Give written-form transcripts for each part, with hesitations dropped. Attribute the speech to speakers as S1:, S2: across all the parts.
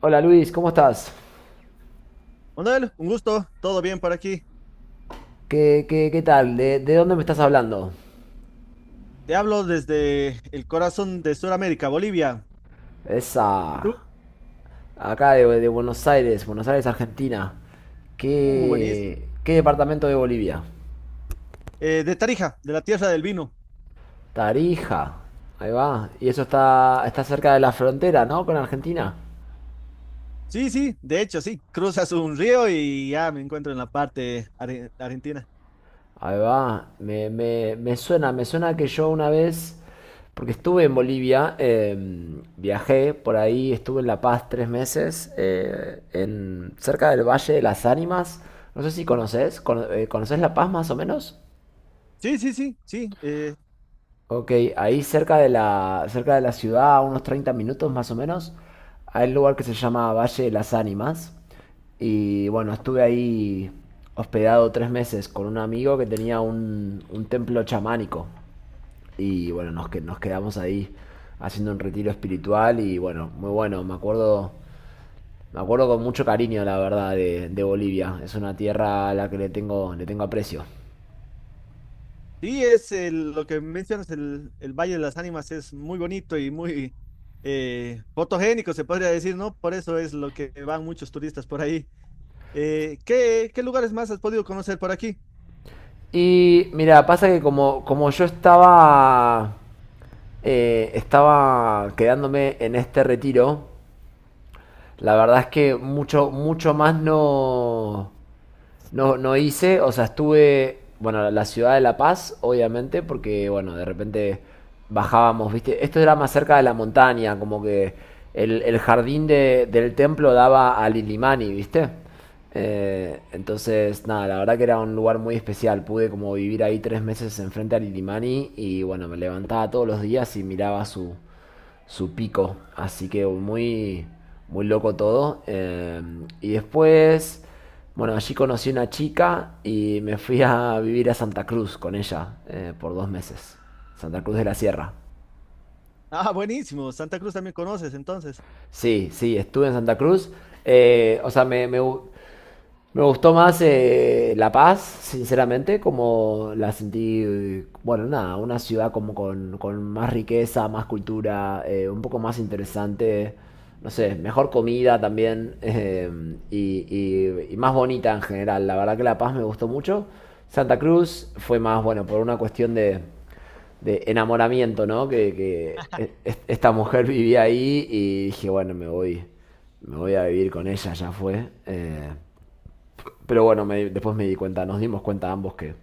S1: Hola Luis, ¿cómo estás?
S2: Manuel, un gusto, todo bien por aquí.
S1: ¿Qué tal? ¿De dónde me estás hablando?
S2: Te hablo desde el corazón de Sudamérica, Bolivia. ¿Y
S1: Esa.
S2: tú?
S1: Acá de Buenos Aires, Buenos Aires, Argentina.
S2: Buenísimo.
S1: ¿Qué departamento de Bolivia?
S2: De Tarija, de la tierra del vino.
S1: Tarija. Ahí va. Y eso está cerca de la frontera, ¿no? Con Argentina.
S2: Sí, sí, de hecho, sí. Cruzas un río y ya me encuentro en la parte argentina.
S1: Ahí va, me suena, me suena que yo una vez, porque estuve en Bolivia, viajé por ahí, estuve en La Paz 3 meses, cerca del Valle de las Ánimas, no sé si conoces, ¿conoces La Paz más o menos?
S2: Sí, sí, sí, sí.
S1: Ok, ahí cerca de la ciudad, a unos 30 minutos más o menos, hay un lugar que se llama Valle de las Ánimas. Y bueno, estuve ahí hospedado 3 meses con un amigo que tenía un templo chamánico. Y bueno, nos quedamos ahí haciendo un retiro espiritual y bueno, muy bueno, me acuerdo con mucho cariño, la verdad, de Bolivia. Es una tierra a la que le tengo aprecio.
S2: Sí, es lo que mencionas, el Valle de las Ánimas es muy bonito y muy fotogénico, se podría decir, ¿no? Por eso es lo que van muchos turistas por ahí. Qué lugares más has podido conocer por aquí?
S1: Y mira, pasa que como yo estaba, estaba quedándome en este retiro, la verdad es que mucho, mucho más no. No, no hice, o sea, estuve, bueno, la ciudad de La Paz, obviamente, porque, bueno, de repente bajábamos, ¿viste? Esto era más cerca de la montaña, como que el jardín del templo daba a Lilimani, ¿viste? Entonces, nada, la verdad que era un lugar muy especial. Pude como vivir ahí 3 meses enfrente a Lilimani y, bueno, me levantaba todos los días y miraba su, su pico. Así que muy, muy loco todo. Y después, bueno, allí conocí una chica y me fui a vivir a Santa Cruz con ella, por 2 meses. Santa Cruz de la Sierra.
S2: Ah, buenísimo. Santa Cruz también conoces, entonces.
S1: Sí, sí, estuve en Santa Cruz. O sea, me gustó más, La Paz, sinceramente, como la sentí, bueno, nada, una ciudad como con más riqueza, más cultura, un poco más interesante, no sé, mejor comida también, y más bonita en general. La verdad que La Paz me gustó mucho. Santa Cruz fue más, bueno, por una cuestión de enamoramiento, ¿no? Esta mujer vivía ahí y dije, bueno, me voy a vivir con ella, ya fue. Pero bueno, me después me di cuenta, nos dimos cuenta ambos que,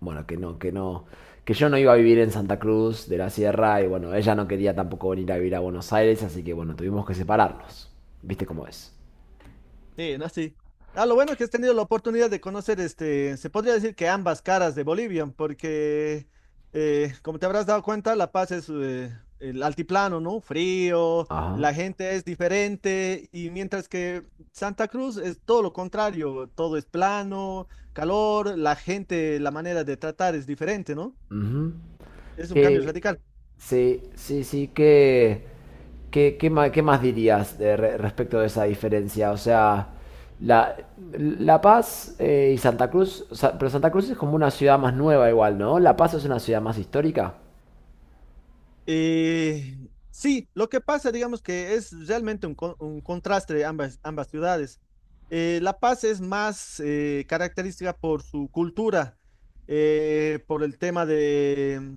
S1: bueno, que no, que yo no iba a vivir en Santa Cruz de la Sierra y bueno, ella no quería tampoco venir a vivir a Buenos Aires, así que bueno, tuvimos que separarnos. ¿Viste cómo es?
S2: Sí, no, sí. Ah, lo bueno es que has tenido la oportunidad de conocer, este, se podría decir que ambas caras de Bolivia, porque, como te habrás dado cuenta, La Paz es el altiplano, ¿no? Frío,
S1: Ajá.
S2: la gente es diferente, y mientras que Santa Cruz es todo lo contrario, todo es plano, calor, la gente, la manera de tratar es diferente, ¿no?
S1: Ujú.
S2: Es un cambio
S1: Eh,
S2: radical.
S1: sí, sí, sí, que... ¿Qué más dirías respecto de esa diferencia? O sea, La, La Paz, y Santa Cruz, o sea, pero Santa Cruz es como una ciudad más nueva igual, ¿no? La Paz es una ciudad más histórica.
S2: Eh, sí, lo que pasa, digamos que es realmente un, un contraste de ambas ciudades. La Paz es más característica por su cultura, por el tema de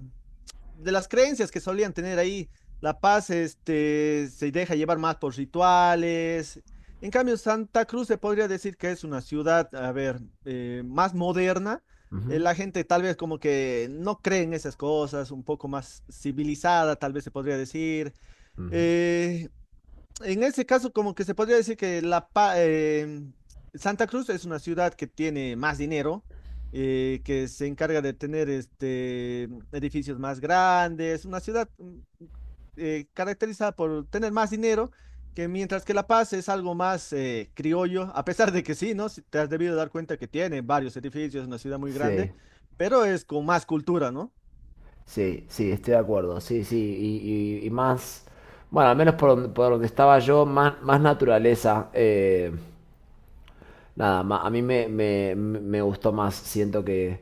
S2: las creencias que solían tener ahí. La Paz, este, se deja llevar más por rituales. En cambio, Santa Cruz se podría decir que es una ciudad, a ver, más moderna.
S1: Ujú,
S2: La gente tal vez como que no cree en esas cosas, un poco más civilizada, tal vez se podría decir.
S1: ujú.
S2: Eh, en ese caso, como que se podría decir que Santa Cruz es una ciudad que tiene más dinero, que se encarga de tener este, edificios más grandes, una ciudad caracterizada por tener más dinero, que mientras que La Paz es algo más criollo, a pesar de que sí, ¿no? Si te has debido dar cuenta que tiene varios edificios, es una ciudad muy
S1: Sí,
S2: grande, pero es con más cultura, ¿no?
S1: sí, sí, estoy de acuerdo. Sí, sí, y más, bueno, al menos por donde estaba yo, más, más naturaleza. Nada, a mí me gustó más. Siento que,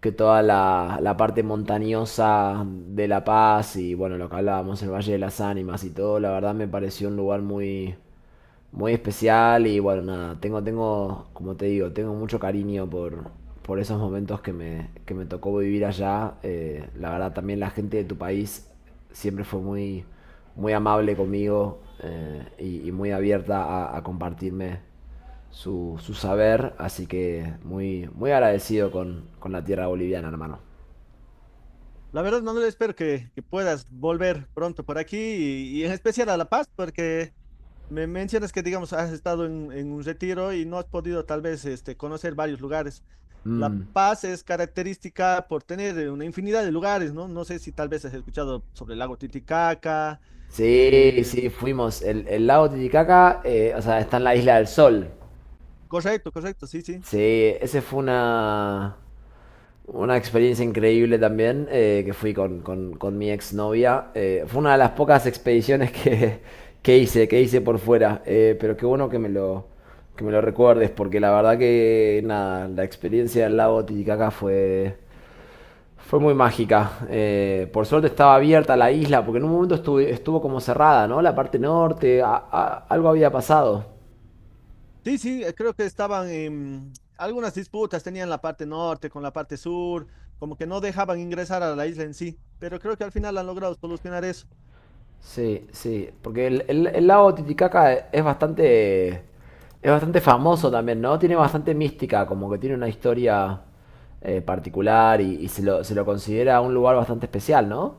S1: que toda la, la parte montañosa de La Paz y bueno, lo que hablábamos, el Valle de las Ánimas y todo, la verdad me pareció un lugar muy, muy especial y bueno, nada, como te digo, tengo mucho cariño por esos momentos que me tocó vivir allá. La verdad también la gente de tu país siempre fue muy, muy amable conmigo, y muy abierta a compartirme su, su saber, así que muy, muy agradecido con la tierra boliviana, hermano.
S2: La verdad, Manuel, espero que puedas volver pronto por aquí y en especial a La Paz, porque me mencionas que, digamos, has estado en un retiro y no has podido tal vez este, conocer varios lugares. La
S1: Mm.
S2: Paz es característica por tener una infinidad de lugares, ¿no? No sé si tal vez has escuchado sobre el lago Titicaca.
S1: Sí,
S2: eh,
S1: sí, fuimos. El lago Titicaca, o sea, está en la Isla del Sol.
S2: Correcto, correcto, sí, sí.
S1: Sí, ese fue una experiencia increíble también, que fui con, con mi exnovia. Fue una de las pocas expediciones que, que hice por fuera. Pero qué bueno que me lo recuerdes, porque la verdad que nada, la experiencia del lago Titicaca fue muy mágica. Por suerte estaba abierta la isla, porque en un momento estuvo como cerrada, ¿no? La parte norte, algo había pasado.
S2: Sí, sí, creo que estaban en algunas disputas, tenían la parte norte con la parte sur, como que no dejaban ingresar a la isla en sí, pero creo que al final han logrado solucionar eso.
S1: Sí, sí, porque el lago Titicaca es bastante famoso también, ¿no? Tiene bastante mística, como que tiene una historia, particular, y se lo considera un lugar bastante especial, ¿no?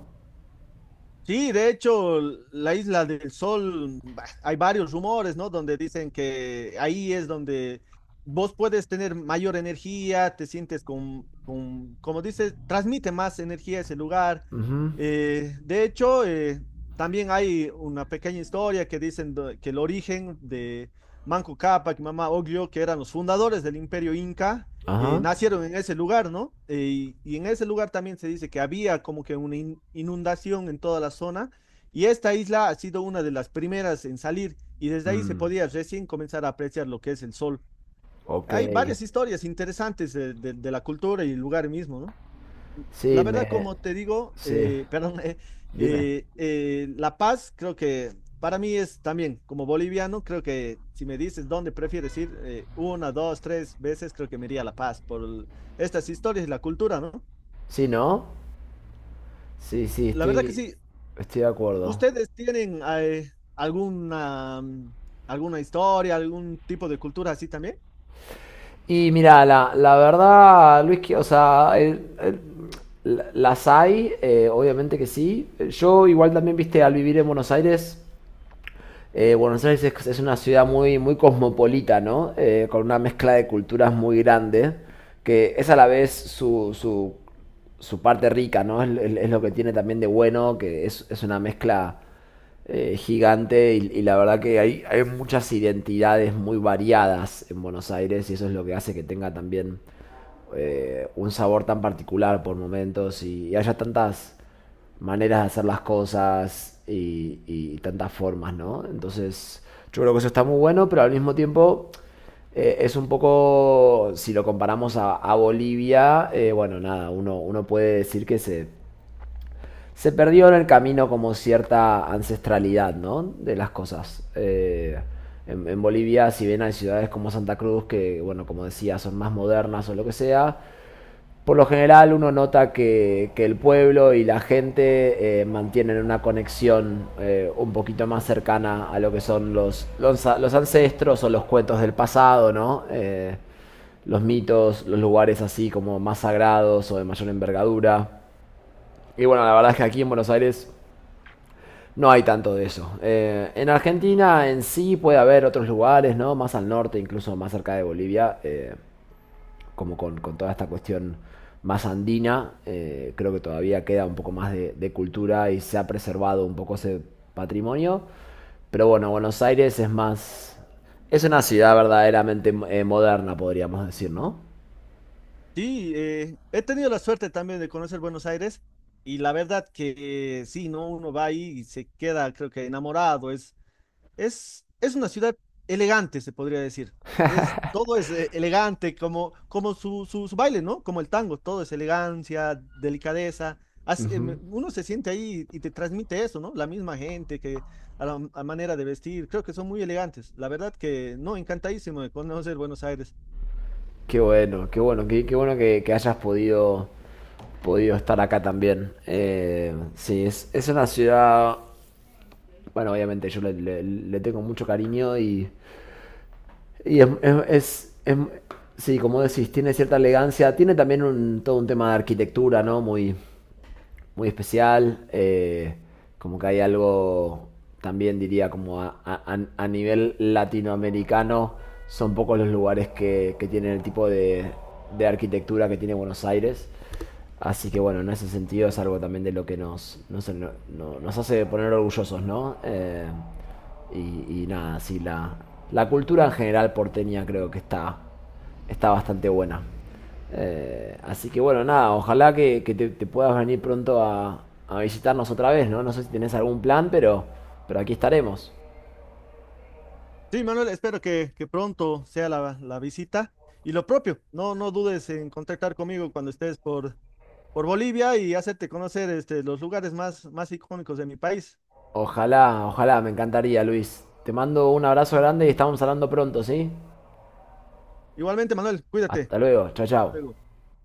S2: Sí, de hecho, la Isla del Sol, bah, hay varios rumores, ¿no? Donde dicen que ahí es donde vos puedes tener mayor energía, te sientes con como dices, transmite más energía ese lugar.
S1: Ujú.
S2: De hecho, también hay una pequeña historia que dicen que el origen de Manco Cápac y Mama Oglio, que eran los fundadores del Imperio Inca,
S1: Ajá.
S2: nacieron en ese lugar, ¿no? Y, y en ese lugar también se dice que había como que una inundación en toda la zona y esta isla ha sido una de las primeras en salir y desde ahí se
S1: Mm,
S2: podía recién comenzar a apreciar lo que es el sol.
S1: ok.
S2: Hay varias historias interesantes de, de la cultura y el lugar mismo, ¿no?
S1: Sí,
S2: La verdad,
S1: me...
S2: como te digo,
S1: Sí,
S2: perdón,
S1: dime.
S2: La Paz creo que para mí es también, como boliviano, creo que si me dices dónde prefieres ir, una, dos, tres veces, creo que me iría a La Paz por estas historias y la cultura, ¿no?
S1: Sí, ¿no? Sí, sí,
S2: La verdad que
S1: estoy,
S2: sí,
S1: estoy de acuerdo.
S2: ¿ustedes tienen alguna, alguna historia, algún tipo de cultura así también?
S1: Y mira, la verdad, Luis, que, o sea, las hay, obviamente que sí. Yo igual también, viste, al vivir en Buenos Aires, Buenos Aires es una ciudad muy, muy cosmopolita, ¿no? Con una mezcla de culturas muy grande, que es a la vez su, su, su parte rica, ¿no? Es lo que tiene también de bueno, que es una mezcla, gigante, y la verdad que hay muchas identidades muy variadas en Buenos Aires y eso es lo que hace que tenga también, un sabor tan particular por momentos, y haya tantas maneras de hacer las cosas, y tantas formas, ¿no? Entonces, yo creo que eso está muy bueno, pero al mismo tiempo, es un poco, si lo comparamos a Bolivia, bueno, nada, uno puede decir que se perdió en el camino como cierta ancestralidad, ¿no? De las cosas. En Bolivia, si bien hay ciudades como Santa Cruz, que, bueno, como decía, son más modernas o lo que sea, por lo general uno nota que el pueblo y la gente, mantienen una conexión, un poquito más cercana a lo que son los ancestros o los cuentos del pasado, ¿no? Los mitos, los lugares así como más sagrados o de mayor envergadura. Y bueno, la verdad es que aquí en Buenos Aires no hay tanto de eso. En Argentina en sí puede haber otros lugares, ¿no? Más al norte, incluso más cerca de Bolivia, como con toda esta cuestión más andina. Creo que todavía queda un poco más de cultura y se ha preservado un poco ese patrimonio. Pero bueno, Buenos Aires es más... Es una ciudad verdaderamente, moderna, podríamos decir, ¿no?
S2: Sí, he tenido la suerte también de conocer Buenos Aires. Y la verdad que sí, ¿no? Uno va ahí y se queda, creo que enamorado, es una ciudad elegante, se podría decir. Es, todo es elegante, como, como su baile, ¿no? Como el tango, todo es elegancia, delicadeza. Así,
S1: Ujú.
S2: uno se siente ahí y te transmite eso, ¿no? La misma gente que a manera de vestir, creo que son muy elegantes. La verdad que no, encantadísimo de conocer Buenos Aires.
S1: Qué bueno, qué bueno, qué bueno que hayas podido estar acá también. Sí, es una ciudad, bueno, obviamente yo le, le tengo mucho cariño Y sí, como decís, tiene cierta elegancia, tiene también todo un tema de arquitectura, ¿no? Muy, muy especial, como que hay algo también diría como a, a nivel latinoamericano son pocos los lugares que tienen el tipo de arquitectura que tiene Buenos Aires. Así que bueno, en ese sentido es algo también de lo que nos hace poner orgullosos, ¿no? Y nada, sí, la cultura en general porteña creo que está bastante buena. Así que bueno, nada, ojalá que te puedas venir pronto a visitarnos otra vez, ¿no? No sé si tenés algún plan, pero aquí estaremos.
S2: Sí, Manuel, espero que pronto sea la, la visita. Y lo propio, no, no dudes en contactar conmigo cuando estés por Bolivia y hacerte conocer este, los lugares más, más icónicos de mi país.
S1: Ojalá, ojalá, me encantaría, Luis. Te mando un abrazo grande y estamos hablando pronto, ¿sí?
S2: Igualmente, Manuel, cuídate.
S1: Hasta luego, chao, chao.
S2: Luego.